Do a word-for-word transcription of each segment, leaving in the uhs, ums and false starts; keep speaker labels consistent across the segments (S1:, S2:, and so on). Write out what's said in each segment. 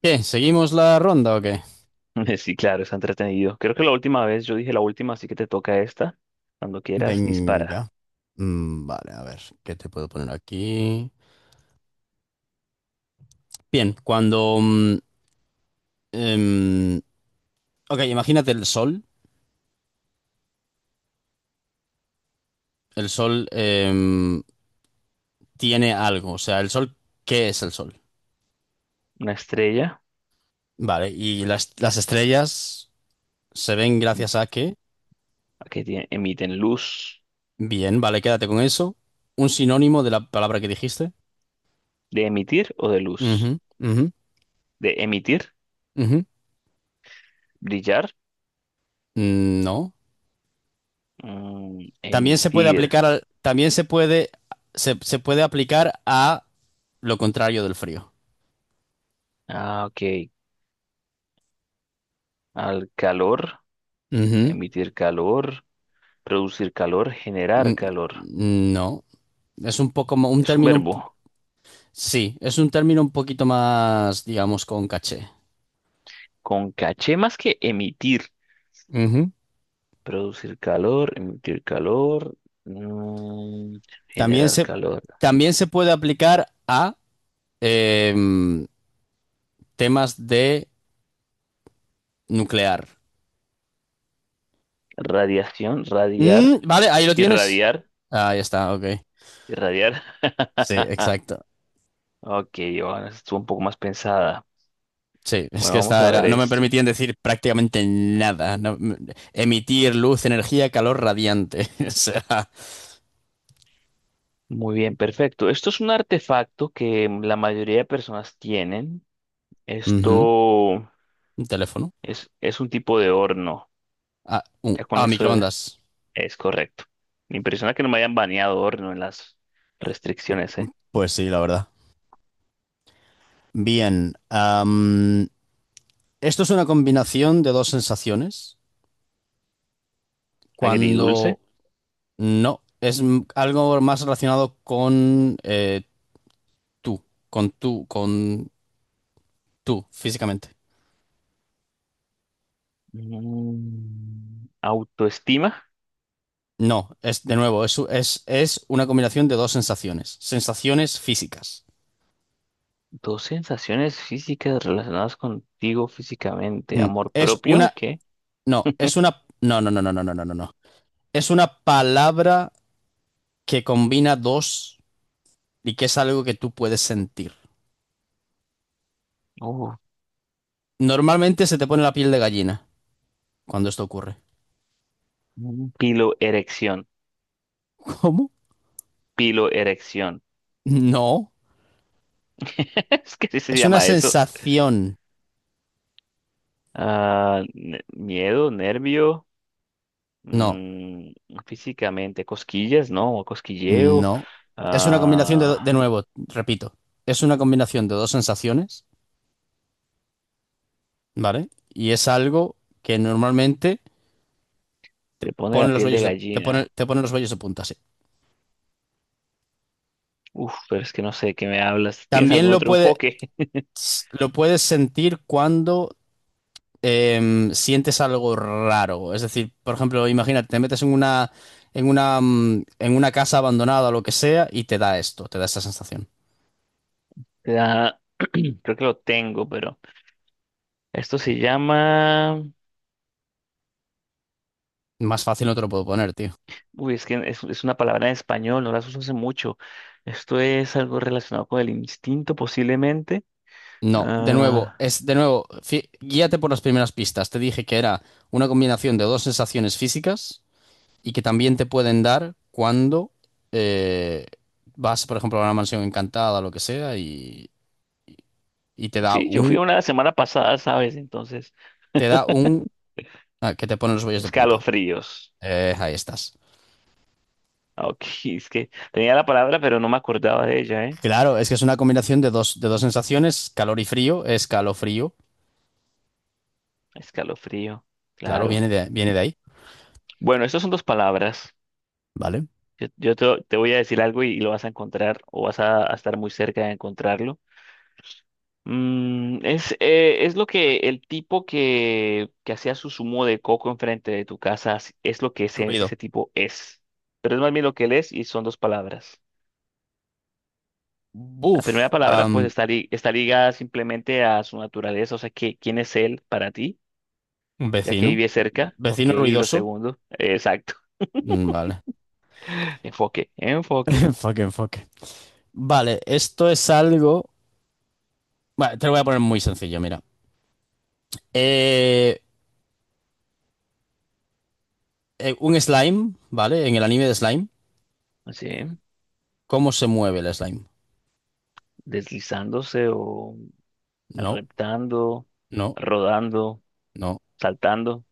S1: ¿Qué? ¿Seguimos la ronda o qué?
S2: Sí, claro, está entretenido. Creo que la última vez, yo dije la última, así que te toca esta. Cuando quieras, dispara.
S1: Venga. Mm, vale, a ver, ¿qué te puedo poner aquí? Bien, cuando... mm, em, ok, imagínate el sol. El sol em, tiene algo. O sea, el sol, ¿qué es el sol?
S2: Una estrella.
S1: Vale, y las, las estrellas se ven
S2: mm,
S1: gracias a qué.
S2: que tie- emiten luz.
S1: Bien, vale, quédate con eso. Un sinónimo de la palabra que dijiste.
S2: ¿De emitir o de luz?
S1: Ujú, ujú,
S2: De emitir,
S1: ujú.
S2: brillar.
S1: Mm, no.
S2: Mm,
S1: También se puede
S2: emitir.
S1: aplicar al, también se puede, se, se puede aplicar a lo contrario del frío.
S2: Ah, ok. Al calor,
S1: Ujú.
S2: emitir calor, producir calor,
S1: Mm,
S2: generar calor.
S1: mm, No, es un poco mo- un
S2: Es un
S1: término, un po-
S2: verbo
S1: sí, es un término un poquito más, digamos, con caché.
S2: con caché más que emitir.
S1: Ujú.
S2: Producir calor, emitir calor, mm,
S1: También
S2: generar
S1: se,
S2: calor.
S1: también se puede aplicar a em, temas de nuclear.
S2: Radiación,
S1: Mm,
S2: radiar,
S1: vale, ahí lo tienes.
S2: irradiar,
S1: Ahí está, ok.
S2: irradiar.
S1: Sí, exacto.
S2: Ok, bueno, esta estuvo un poco más pensada.
S1: Sí, es que
S2: Bueno, vamos
S1: esta
S2: a ver
S1: era, no me
S2: esto.
S1: permitían decir prácticamente nada. No- m- emitir luz, energía, calor radiante. O sea,
S2: Muy bien, perfecto. Esto es un artefacto que la mayoría de personas tienen.
S1: ujú.
S2: Esto
S1: Un teléfono.
S2: es, es un tipo de horno.
S1: A, uh,
S2: Ya con
S1: a
S2: eso
S1: microondas.
S2: es correcto. Me impresiona que no me hayan baneado horno en las restricciones, ¿eh?
S1: Pues sí, la verdad. Bien. Am, esto es una combinación de dos sensaciones.
S2: Agridulce.
S1: Cuando no, es m- algo más relacionado con eh, tú, con tú, con tú, físicamente.
S2: Mm, Autoestima.
S1: No, es de nuevo, es, es, es una combinación de dos sensaciones. Sensaciones físicas.
S2: Dos sensaciones físicas relacionadas contigo físicamente.
S1: Mm,
S2: ¿Amor
S1: es
S2: propio?
S1: una.
S2: ¿Qué?
S1: No, es una. No, no, no, no, no, no, no, no, no. Es una palabra que combina dos y que es algo que tú puedes sentir.
S2: Oh,
S1: Normalmente se te pone la piel de gallina cuando esto ocurre.
S2: mm, piloerección.
S1: ¿Cómo?
S2: Piloerección.
S1: No.
S2: Es que sí se
S1: Es una
S2: llama eso.
S1: sensación.
S2: Ah, ne- miedo, nervio,
S1: No,
S2: mm, físicamente. Cosquillas, ¿no? Cosquilleo.
S1: no. Es una combinación de, do- de
S2: Ah,
S1: nuevo, repito. Es una combinación de dos sensaciones, ¿vale? Y es algo que normalmente te
S2: te pone la
S1: pone los
S2: piel de
S1: vellos de, te pone,
S2: gallina.
S1: te pone los vellos de punta, sí.
S2: Uf, pero es que no sé de qué me hablas. ¿Tienes
S1: También
S2: algún
S1: lo
S2: otro
S1: puede,
S2: enfoque?
S1: lo puedes sentir cuando em, sientes algo raro. Es decir, por ejemplo, imagínate, te metes en una, en una, mm, en una casa abandonada o lo que sea y te da esto, te da esta sensación.
S2: Te da- Creo que lo tengo, pero esto se llama.
S1: Más fácil no te lo puedo poner, tío.
S2: Uy, es que es, es una palabra en español, no las uso hace mucho. Esto es algo relacionado con el instinto, posiblemente.
S1: No, de nuevo,
S2: Ah,
S1: es de nuevo, fí- guíate por las primeras pistas. Te dije que era una combinación de dos sensaciones físicas y que también te pueden dar cuando eh, vas, por ejemplo, a una mansión encantada o lo que sea y, y te da
S2: sí, yo fui
S1: un,
S2: una semana pasada, ¿sabes? Entonces,
S1: te da un, ah, que te pone los vellos de punta.
S2: escalofríos.
S1: Eh, ahí estás.
S2: Ah, ok, es que tenía la palabra, pero no me acordaba de ella, ¿eh?
S1: Claro, es que es una combinación de dos, de dos sensaciones, calor y frío, escalofrío.
S2: Escalofrío,
S1: Claro,
S2: claro.
S1: viene de, viene de ahí,
S2: Bueno, estas son dos palabras.
S1: ¿vale?
S2: Yo, yo te, te voy a decir algo y, y lo vas a encontrar o vas a, a estar muy cerca de encontrarlo. Mm, es, eh, es lo que el tipo que, que hacía su zumo de coco enfrente de tu casa es es lo que ese,
S1: Ruido.
S2: ese tipo es. Pero es más bien lo que él es y son dos palabras. La primera
S1: Buf.
S2: palabra pues
S1: Am,
S2: está, li- está ligada simplemente a su naturaleza, o sea, que, ¿quién es él para ti? Ya que
S1: vecino.
S2: vive cerca, ok,
S1: Vecino
S2: y lo
S1: ruidoso.
S2: segundo, eh, exacto,
S1: Mm, vale.
S2: enfoque, enfoque,
S1: Enfoque, enfoque. Vale, esto es algo. Vale, te lo voy a poner muy sencillo, mira. Eh, eh, un slime, ¿vale? En el anime de slime,
S2: así,
S1: ¿cómo se mueve el slime?
S2: deslizándose o
S1: No,
S2: reptando,
S1: no,
S2: rodando,
S1: no.
S2: saltando,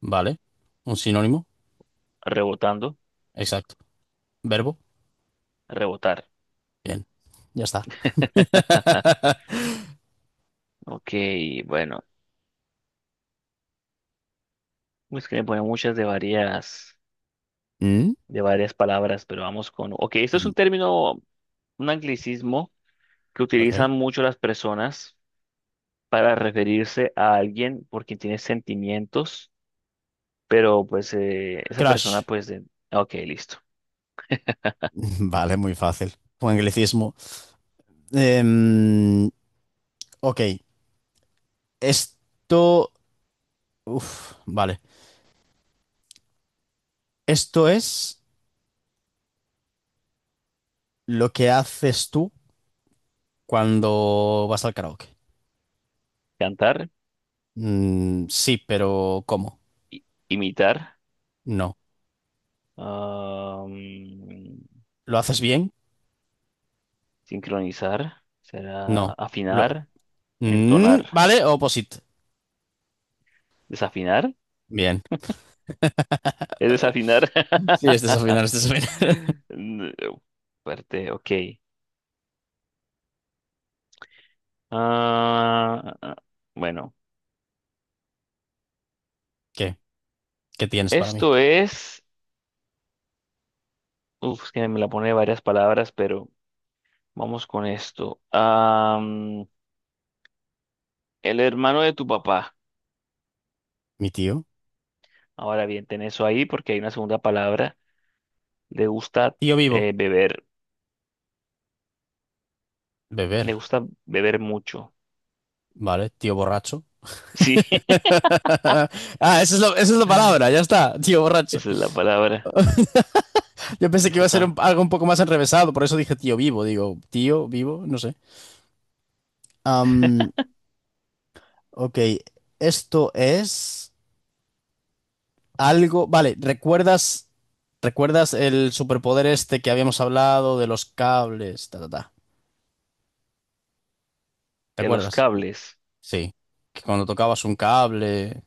S1: Vale. Un sinónimo.
S2: rebotando,
S1: Exacto. Verbo.
S2: rebotar.
S1: Bien. Ya está.
S2: Ok, bueno, es que me ponen muchas de varias, de varias palabras, pero vamos con. Ok, esto es
S1: Mm,
S2: un término, un anglicismo que
S1: ok.
S2: utilizan mucho las personas para referirse a alguien por quien tiene sentimientos, pero pues eh, esa persona
S1: Crash.
S2: pues. de- Ok, listo.
S1: Vale, muy fácil. Un anglicismo. Em, ok. Esto. Uf, vale. Esto es lo que haces tú cuando vas al karaoke.
S2: Cantar,
S1: Mm, sí, pero ¿cómo?
S2: i- imitar,
S1: No.
S2: am,
S1: ¿Lo haces bien?
S2: sincronizar, será
S1: No. Lo-
S2: afinar,
S1: mm,
S2: entonar,
S1: vale, opposite.
S2: desafinar,
S1: Bien.
S2: es desafinar.
S1: Sí, este es el final, este es el final.
S2: Mm, eh, Fuerte, ok. Ah, bueno,
S1: ¿Qué? ¿Qué tienes para mí?
S2: esto es. Uf, es que me la pone varias palabras, pero vamos con esto. Am, el hermano de tu papá.
S1: ¿Mi tío?
S2: Ahora bien, ten eso ahí porque hay una segunda palabra. Le gusta
S1: Tío vivo.
S2: eh, beber. Le
S1: Beber.
S2: gusta beber mucho.
S1: Vale. Tío borracho.
S2: Sí,
S1: Ah, esa es la, esa es la palabra, ya está, tío borracho.
S2: esa es la palabra.
S1: Yo pensé
S2: Ya
S1: que iba a ser un-
S2: está.
S1: algo un poco más enrevesado, por eso dije tío vivo, digo, tío vivo, no sé. Am, ok, esto es algo, vale, ¿recuerdas, recuerdas el superpoder este que habíamos hablado de los cables, ta, ta, ta? ¿Te
S2: De los
S1: acuerdas?
S2: cables.
S1: Sí, que cuando tocabas un cable,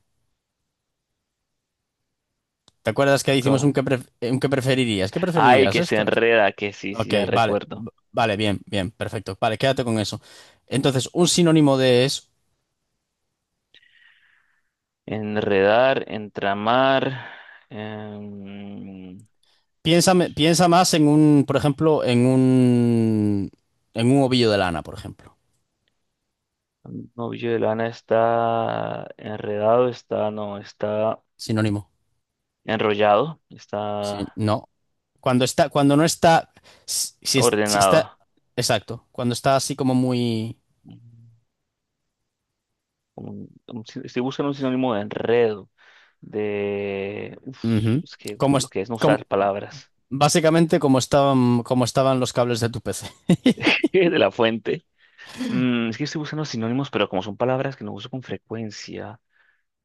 S1: ¿te acuerdas que hicimos un
S2: Tocaba.
S1: que, pref- un que preferirías? ¿Qué
S2: Ay,
S1: preferirías
S2: que se
S1: esto?
S2: enreda, que sí, sí,
S1: Ok,
S2: ya
S1: vale,
S2: recuerdo.
S1: v- vale, bien, bien, perfecto. Vale, quédate con eso. Entonces, un sinónimo de es,
S2: Enredar, entramar. em,
S1: piénsame- piensa más en un, por ejemplo, en un, en un ovillo de lana, por ejemplo.
S2: Novio de lana está enredado, está, no, está
S1: Sinónimo.
S2: enrollado,
S1: Sí,
S2: está
S1: no. Cuando está, cuando no está, si, si es- si está,
S2: ordenado.
S1: exacto, cuando está así como muy,
S2: Mm, como un- un sin- estoy buscando un sinónimo de enredo, de, uf,
S1: ujú,
S2: es que
S1: como,
S2: lo
S1: es-
S2: que es no
S1: como,
S2: usar palabras
S1: básicamente como estaban, como estaban los cables de tu P C.
S2: de la fuente. Mm, es que estoy buscando sinónimos, pero como son palabras que no uso con frecuencia,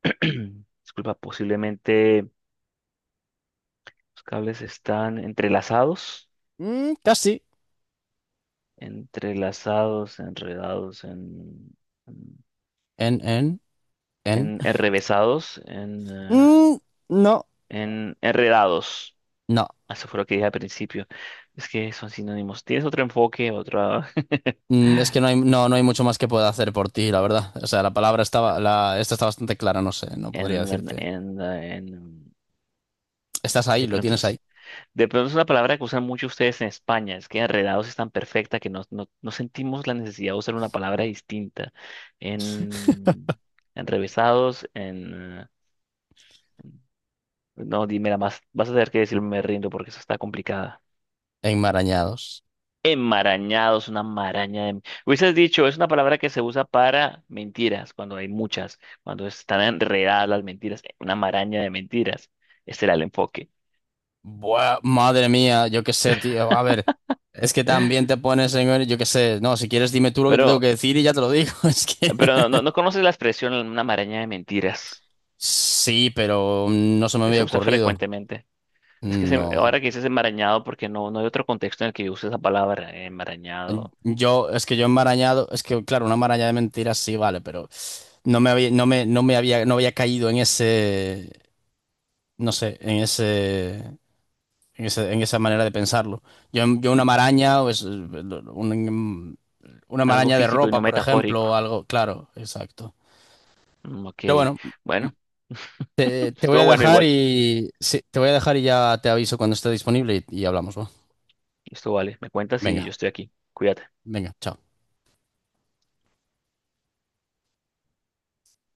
S2: disculpa, posiblemente los cables están entrelazados.
S1: Mm, casi.
S2: Entrelazados, enredados, en, en,
S1: En, en, en.
S2: en- enrevesados, en, eh,
S1: Mm, no,
S2: en enredados.
S1: no.
S2: Eso fue lo que dije al principio. Es que son sinónimos. Tienes otro enfoque, otra.
S1: Mm, es que no hay, no, no hay mucho más que pueda hacer por ti, la verdad. O sea, la palabra estaba, la, esta está bastante clara, no sé, no
S2: en,
S1: podría decirte.
S2: en, en-
S1: Estás ahí,
S2: de
S1: lo
S2: pronto
S1: tienes ahí,
S2: es- de pronto es una palabra que usan mucho ustedes en España. Es que enredados es tan perfecta que no, no, no sentimos la necesidad de usar una palabra distinta. En enrevesados, en. No, dime la más. Vas a tener que decirme me rindo porque eso está complicada.
S1: enmarañados.
S2: Enmarañado una maraña de. Hubieses dicho, es una palabra que se usa para mentiras, cuando hay muchas, cuando están enredadas las mentiras, eh, una maraña de mentiras. Este era el enfoque.
S1: Buah, madre mía, yo qué sé, tío. A ver, es que también te pones en, yo qué sé, no, si quieres dime tú lo que te tengo que
S2: Pero,
S1: decir y ya te lo digo. Es que
S2: pero no, no, no conoces la expresión una maraña de mentiras.
S1: sí, pero no se me
S2: Eh, Se
S1: había
S2: usa
S1: ocurrido.
S2: frecuentemente. Es que se-
S1: No.
S2: ahora que dices enmarañado, porque no, no hay otro contexto en el que yo use esa palabra, enmarañado.
S1: Yo, es que yo enmarañado, es que claro, una maraña de mentiras sí, vale, pero no me había, no me, no me había, no había caído en ese, no sé, en ese, en ese- en esa manera de pensarlo. Yo, yo una maraña, pues, un- una
S2: Algo
S1: maraña de
S2: físico y no
S1: ropa, por ejemplo, o
S2: metafórico.
S1: algo, claro, exacto.
S2: Mm, Ok,
S1: Pero bueno,
S2: bueno.
S1: te, te voy
S2: Estuvo
S1: a
S2: bueno
S1: dejar
S2: igual.
S1: y sí, te voy a dejar y ya te aviso cuando esté disponible y, y hablamos, ¿va?
S2: Esto vale. Me cuentas y yo
S1: Venga,
S2: estoy aquí. Cuídate.
S1: venga, chao.